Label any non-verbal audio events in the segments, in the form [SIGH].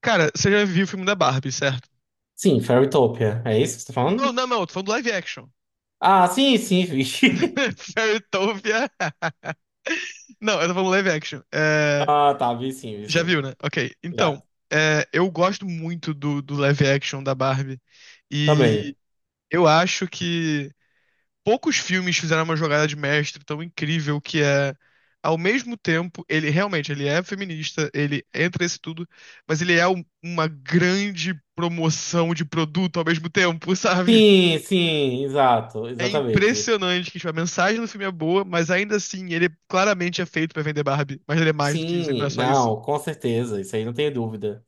Cara, você já viu o filme da Barbie, certo? Sim, Fairytopia. É isso que você tá Não, falando? não, não, eu tô falando do live action. Ah, sim, sim, vi. [LAUGHS] [LAUGHS] Fairytopia. Não, eu tô falando live action. Ah, tá, vi sim, vi Já sim. viu, né? Ok. Já. Então, eu gosto muito do live action da Barbie. Também. E eu acho que poucos filmes fizeram uma jogada de mestre tão incrível que é. Ao mesmo tempo, ele realmente ele é feminista, ele entra nesse tudo, mas ele é uma grande promoção de produto ao mesmo tempo, [LAUGHS] sabe? Sim, sim, exato, É exatamente. impressionante que tipo, a mensagem do filme é boa, mas ainda assim ele claramente é feito pra vender Barbie. Mas ele é mais do que isso, ele não Sim, é só isso. não, com certeza, isso aí não tenho dúvida.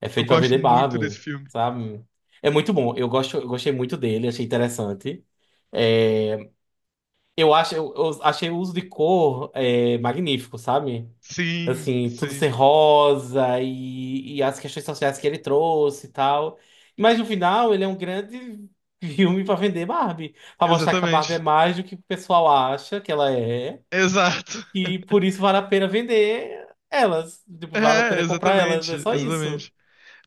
É Eu feito pra gosto vender muito desse Barbie, filme. sabe? É muito bom, eu gosto, eu gostei muito dele, achei interessante. É, eu achei o uso de cor é, magnífico, sabe? Sim, Assim, tudo ser sim. rosa e as questões sociais que ele trouxe e tal. Mas no final, ele é um grande [LAUGHS] filme pra vender Barbie, pra mostrar que a Barbie é Exatamente. mais do que o pessoal acha que ela é, Exato. e por [LAUGHS] isso vale a pena vender elas, tipo, vale a É, pena comprar elas, exatamente, é só isso. exatamente.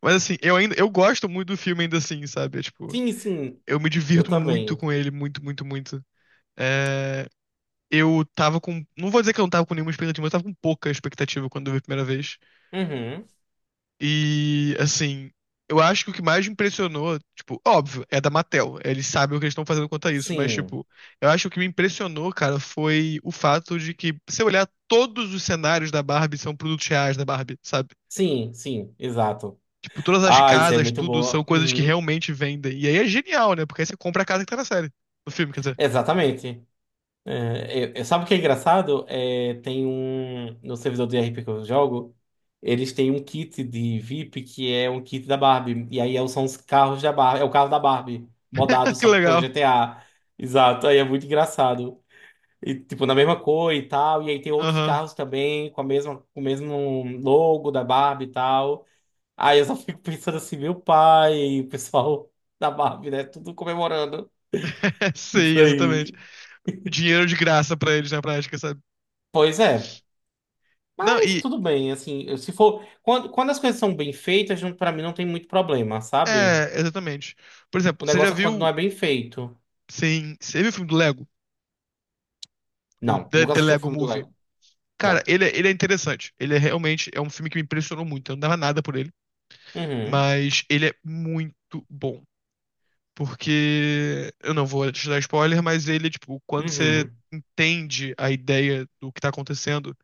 Mas assim, eu ainda eu gosto muito do filme ainda assim, sabe? É, tipo, Sim, sim, eu me eu divirto muito também. com ele, muito, muito, muito. É, eu tava com, não vou dizer que eu não tava com nenhuma expectativa, mas eu tava com pouca expectativa quando eu vi a primeira vez. Uhum. E, assim, eu acho que o que mais me impressionou, tipo, óbvio, é da Mattel. Eles sabem o que eles estão fazendo quanto a isso, mas, Sim, tipo, eu acho que o que me impressionou, cara, foi o fato de que, se eu olhar todos os cenários da Barbie, são produtos reais da Barbie, sabe? sim, sim, exato. Tipo, todas as Ah, isso é casas, muito tudo, são boa. coisas que Uhum. realmente vendem. E aí é genial, né? Porque aí você compra a casa que tá na série, no filme, quer dizer. Exatamente. É, sabe o que é engraçado? É, tem um. No servidor do RP que eu jogo, eles têm um kit de VIP que é um kit da Barbie. E aí é, são os carros da Barbie. É o carro da Barbie, modado, [LAUGHS] Que só que pô, legal. GTA. Exato. Aí é muito engraçado. E, tipo, na mesma cor e tal. E aí tem outros Aham. carros também com a mesma, com o mesmo logo da Barbie e tal. Aí eu só fico pensando assim, meu pai, o pessoal [LAUGHS] da Barbie, né? Tudo comemorando. [LAUGHS] Sim, Isso exatamente. aí. Dinheiro de graça pra eles na prática, sabe? Pois é. Não, Mas e. tudo bem, assim, se for. Quando as coisas são bem feitas, não- pra mim não tem muito problema, sabe? É, exatamente. Por O exemplo, você já negócio é quando não viu. é bem feito. Sim, você viu o filme do Lego? Não, nunca The assisti um Lego filme do Movie. Lego. Cara, Não. ele é interessante. Ele realmente é um filme que me impressionou muito. Eu não dava nada por ele, Uhum. mas ele é muito bom. Porque eu não vou te dar spoiler, mas ele, tipo, quando você Uhum. entende a ideia do que tá acontecendo,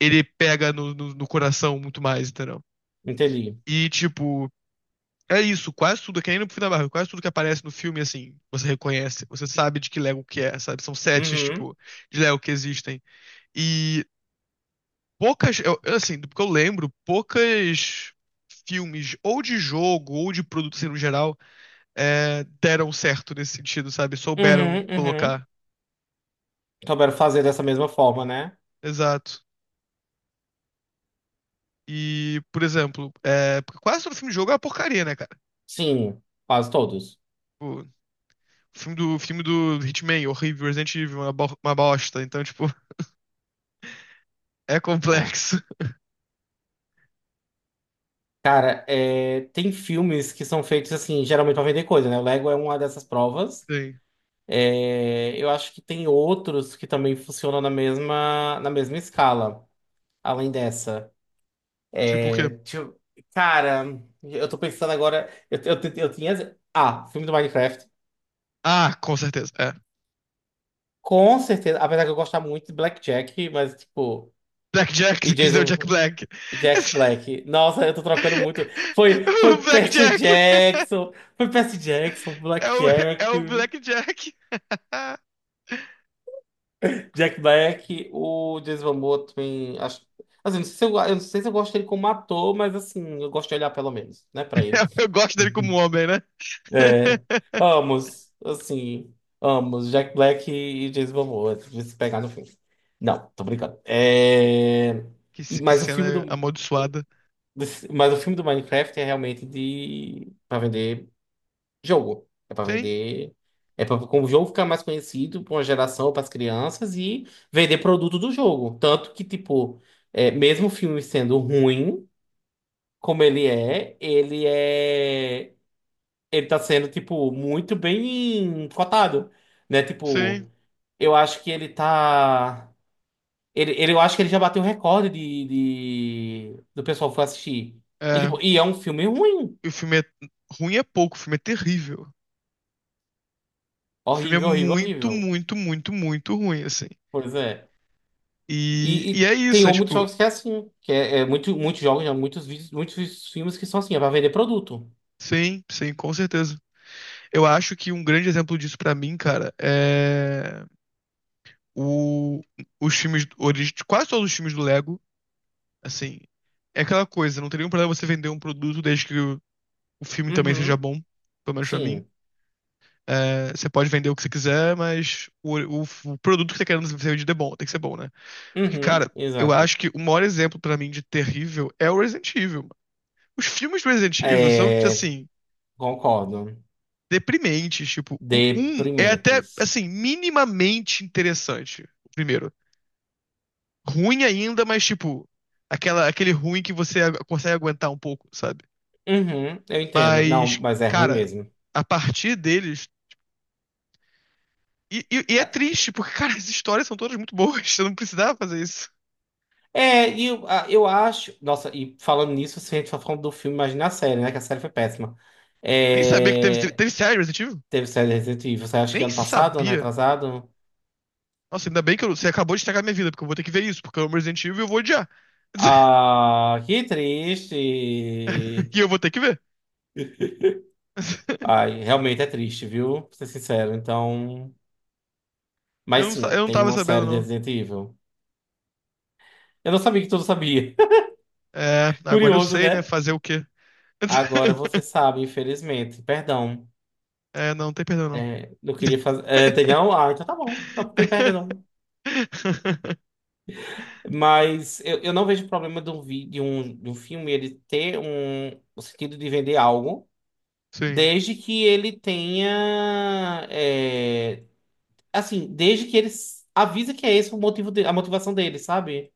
ele pega no coração muito mais, entendeu? Entendi. E, tipo, é isso. Quase tudo, que nem no filme da Marvel, quase tudo que aparece no filme, assim, você reconhece. Você sabe de que Lego que é, sabe? São sets, Uhum. tipo, de Lego que existem. E poucas, assim, do que eu lembro, poucas filmes, ou de jogo, ou de produto assim, no geral, é, deram certo nesse sentido, sabe? Souberam Uhum. Uhum. colocar. Souberam fazer dessa mesma forma, né? Exato. E, por exemplo, é, porque quase todo filme de jogo é uma porcaria, né, cara? Sim, quase todos. Tipo, o filme do Hitman, horrível, Resident Evil, uma, uma bosta. Então, tipo, é É. complexo. [LAUGHS] É, tem filmes que são feitos assim, geralmente pra vender coisa, né? O Lego é uma dessas provas. Sim. É, eu acho que tem outros que também funcionam na mesma escala, além dessa. Tipo o quê? Deixa eu- Cara, eu tô pensando agora. Eu tinha. Ah, filme do Minecraft. Ah, com certeza. É. Com certeza. Apesar que eu gostava muito de Blackjack, mas tipo. Black Jack, E você quis dizer o Jack Jason. Black. Jack [LAUGHS] Black. Nossa, eu tô trocando muito. Foi, O foi Black Percy Jack. Jackson. Foi Percy Jackson, É o, [LAUGHS] Blackjack, é o Black Jack. [LAUGHS] Jack Black, o Jason Momoa também. Acho, assim, não sei se eu, não sei se eu gosto dele como ator, mas assim, eu gosto de olhar pelo menos, né, pra ele. Eu gosto dele como homem, né? É, [LAUGHS] ambos, assim, ambos, Jack Black e James Momoa, de se pegar no filme. Não, tô brincando. É, e, que mas o filme cena do, amaldiçoada. desse- mas o filme do Minecraft é realmente de para vender jogo, é para Sim, vender, é para o jogo ficar mais conhecido para uma geração, para as crianças e vender produto do jogo. Tanto que tipo, é, mesmo o filme sendo ruim, como ele é, ele tá sendo, tipo, muito bem cotado, né? sim. Tipo, eu acho que ele tá. Eu acho que ele já bateu o recorde de, do pessoal que foi assistir. E, É, tipo, e é um filme ruim. e o filme é ruim é pouco, o filme é terrível. O filme é Horrível, horrível, muito, horrível. muito, muito, muito ruim, assim. Pois é. E, E e é tem isso, é muitos tipo, jogos que é assim. Que é, é muito, muitos jogos, né? Muitos, muitos filmes que são assim, é pra vender produto. sim, sim, com certeza. Eu acho que um grande exemplo disso pra mim, cara, é o, os filmes, quase todos os filmes do Lego, assim, é aquela coisa, não tem nenhum problema você vender um produto desde que o filme também seja Uhum. bom, pelo menos pra mim. Sim. É, você pode vender o que você quiser, mas o produto que você tá querendo ser vendido é bom, tem que ser bom, né? Porque, Uhum. cara, eu Exato. acho que o maior exemplo pra mim de terrível é o Resident Evil. Os filmes do Resident Evil são, É, assim, concordo. deprimentes. Tipo, o um é até, Deprimentes. assim, minimamente interessante. O primeiro. Ruim ainda, mas, tipo, aquela, aquele ruim que você consegue aguentar um pouco, sabe? Uhum, eu entendo. Não, Mas, mas é ruim cara, mesmo. a partir deles. E é triste, porque, cara, as histórias são todas muito boas. Eu não precisava fazer isso. É, eu acho. Nossa, e falando nisso, se a gente for falando do filme, imagina a série, né? Que a série foi péssima. Nem sabia que teve, É, teve série Resident Evil. teve série de Resident Evil, você acha que Nem ano passado, ano sabia. retrasado? Nossa, ainda bem que você acabou de estragar minha vida, porque eu vou ter que ver isso, porque eu amo Resident Evil e eu vou odiar. [LAUGHS] Ah, que triste. E eu vou ter que ver. [LAUGHS] Ai, realmente é triste, viu? Pra ser sincero. Então. Eu Mas não, sim, eu não tem tava uma sabendo, série de não. Resident Evil. Eu não sabia que tudo sabia. É, [LAUGHS] agora eu Curioso, sei, né? né? Fazer o quê? Agora você [LAUGHS] sabe, infelizmente. Perdão. É, não, não tem perdão, não. É, eu queria fazer. É, tem não? Ah, então tá bom. Não tem perda, [LAUGHS] não. Mas eu não vejo problema de um, vi, de um filme ele ter um, o sentido de vender algo, Sim, desde que ele tenha. É, assim, desde que ele s- avisa que é esse o motivo de, a motivação dele, sabe?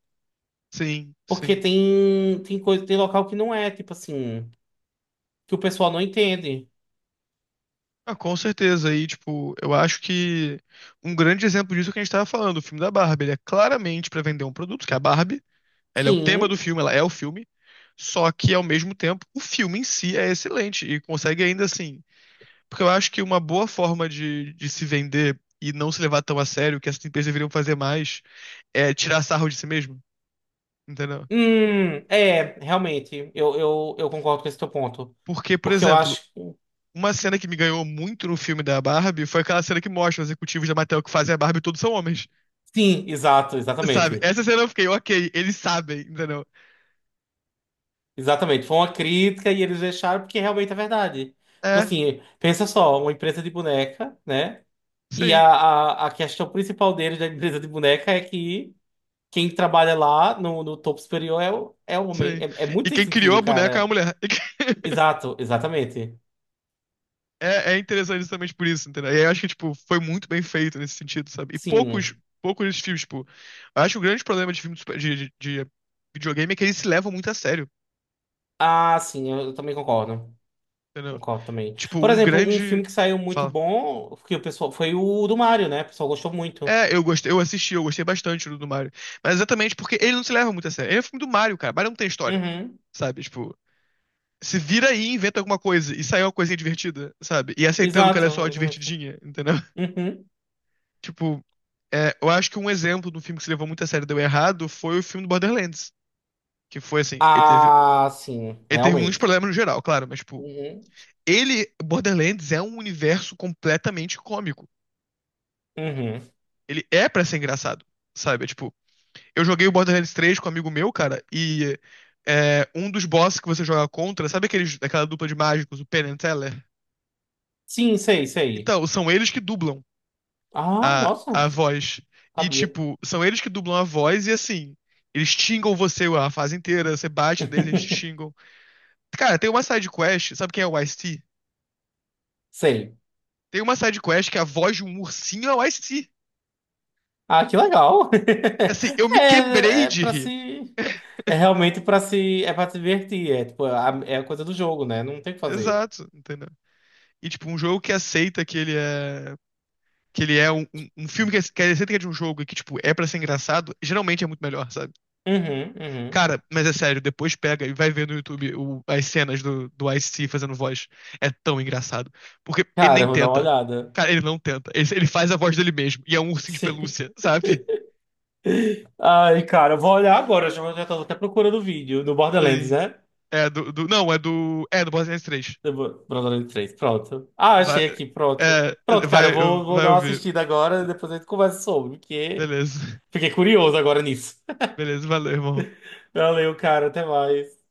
sim, Porque sim. tem, tem coisa, tem local que não é, tipo assim, que o pessoal não entende. Ah, com certeza. E, tipo, eu acho que um grande exemplo disso é o que a gente tava falando, o filme da Barbie. Ele é claramente pra vender um produto, que é a Barbie. Ela é o tema do Sim. filme, ela é o filme. Só que, ao mesmo tempo, o filme em si é excelente e consegue ainda assim. Porque eu acho que uma boa forma de se vender e não se levar tão a sério, que essas empresas deveriam fazer mais, é tirar sarro de si mesmo, entendeu? É, realmente, eu concordo com esse teu ponto. Porque, por Porque eu exemplo, acho. uma cena que me ganhou muito no filme da Barbie foi aquela cena que mostra os executivos da Mattel que fazem a Barbie e todos são homens. Sim, exato, Sabe? exatamente. Essa cena eu fiquei, ok, eles sabem, entendeu? Exatamente. Foi uma crítica e eles deixaram porque realmente é verdade. Tipo É, assim, pensa só, uma empresa de boneca, né? E sim, a questão principal deles da empresa de boneca é que quem trabalha lá no, no topo superior é o, é o homem. sim. É, é muito E sem quem criou sentido, a boneca é a cara. mulher. [LAUGHS] Exato, exatamente. É, é interessante justamente por isso, entendeu? E eu acho que, tipo, foi muito bem feito nesse sentido, sabe? E poucos, Sim. poucos desses filmes, tipo, eu acho que o grande problema de filme de, de videogame é que eles se levam muito a sério, Ah, sim, eu, também concordo. entendeu? Concordo também. Tipo, Por um exemplo, um filme grande. que saiu muito Fala. bom, que o pessoal, foi o do Mario, né? O pessoal gostou muito. É, eu gostei, eu assisti, eu gostei bastante do Mario. Mas exatamente porque ele não se leva muito a sério. Ele é um filme do Mario, cara. Mario não tem história, Uhum. sabe? Tipo, se vira aí, e inventa alguma coisa e sai uma coisinha divertida, sabe? E aceitando que ela Exato, é só exatamente. divertidinha, entendeu? [LAUGHS] Uhum. Tipo, é, eu acho que um exemplo do filme que se levou muito a sério e deu errado foi o filme do Borderlands, que foi assim, Ah, sim, ele teve muitos realmente. problemas no geral, claro, mas tipo, Uhum. ele, Borderlands é um universo completamente cômico. Uhum. Ele é pra ser engraçado, sabe? É, tipo, eu joguei o Borderlands 3 com um amigo meu, cara, e é, um dos bosses que você joga contra, sabe aqueles, aquela dupla de mágicos, o Penn and Teller? Sim, sei, sei. Então, são eles que dublam Ah, nossa, a voz. E, sabia. tipo, são eles que dublam a voz e, assim, eles xingam você a fase inteira, você bate neles, eles te [LAUGHS] xingam. Cara, tem uma side quest, sabe quem é o Ice-T? Sei. Tem uma side quest que é a voz de um ursinho é o Ice-T. Ah, que legal. Assim, eu [LAUGHS] me quebrei É, é de para rir. se. É realmente pra se. É pra se divertir. É tipo, é a coisa do jogo, né? Não tem o que fazer. Exato, entendeu? E, tipo, um jogo que aceita que ele é... Que ele é um filme que aceita que é de um jogo e que, tipo, é pra ser engraçado, geralmente é muito melhor, sabe? Uhum, uhum. Cara, mas é sério, depois pega e vai ver no YouTube as cenas do Ice-T fazendo voz. É tão engraçado. Porque ele Cara, nem eu vou dar uma tenta. olhada. Cara, ele não tenta. Ele faz a voz dele mesmo. E é um ursinho de pelúcia, [LAUGHS] sabe? Ai, cara, eu vou olhar agora. Eu já, já tô até procurando o vídeo do Borderlands, Sim. né? É não, é do. É do Borderlands 3. Brodando de três, pronto. Ah, Vai, achei aqui, pronto. é, Pronto, cara, vai, vou vai dar uma ouvir. assistida agora, depois a gente conversa sobre, porque Beleza. fiquei curioso agora nisso. Beleza, valeu, irmão. [LAUGHS] Valeu, cara, até mais.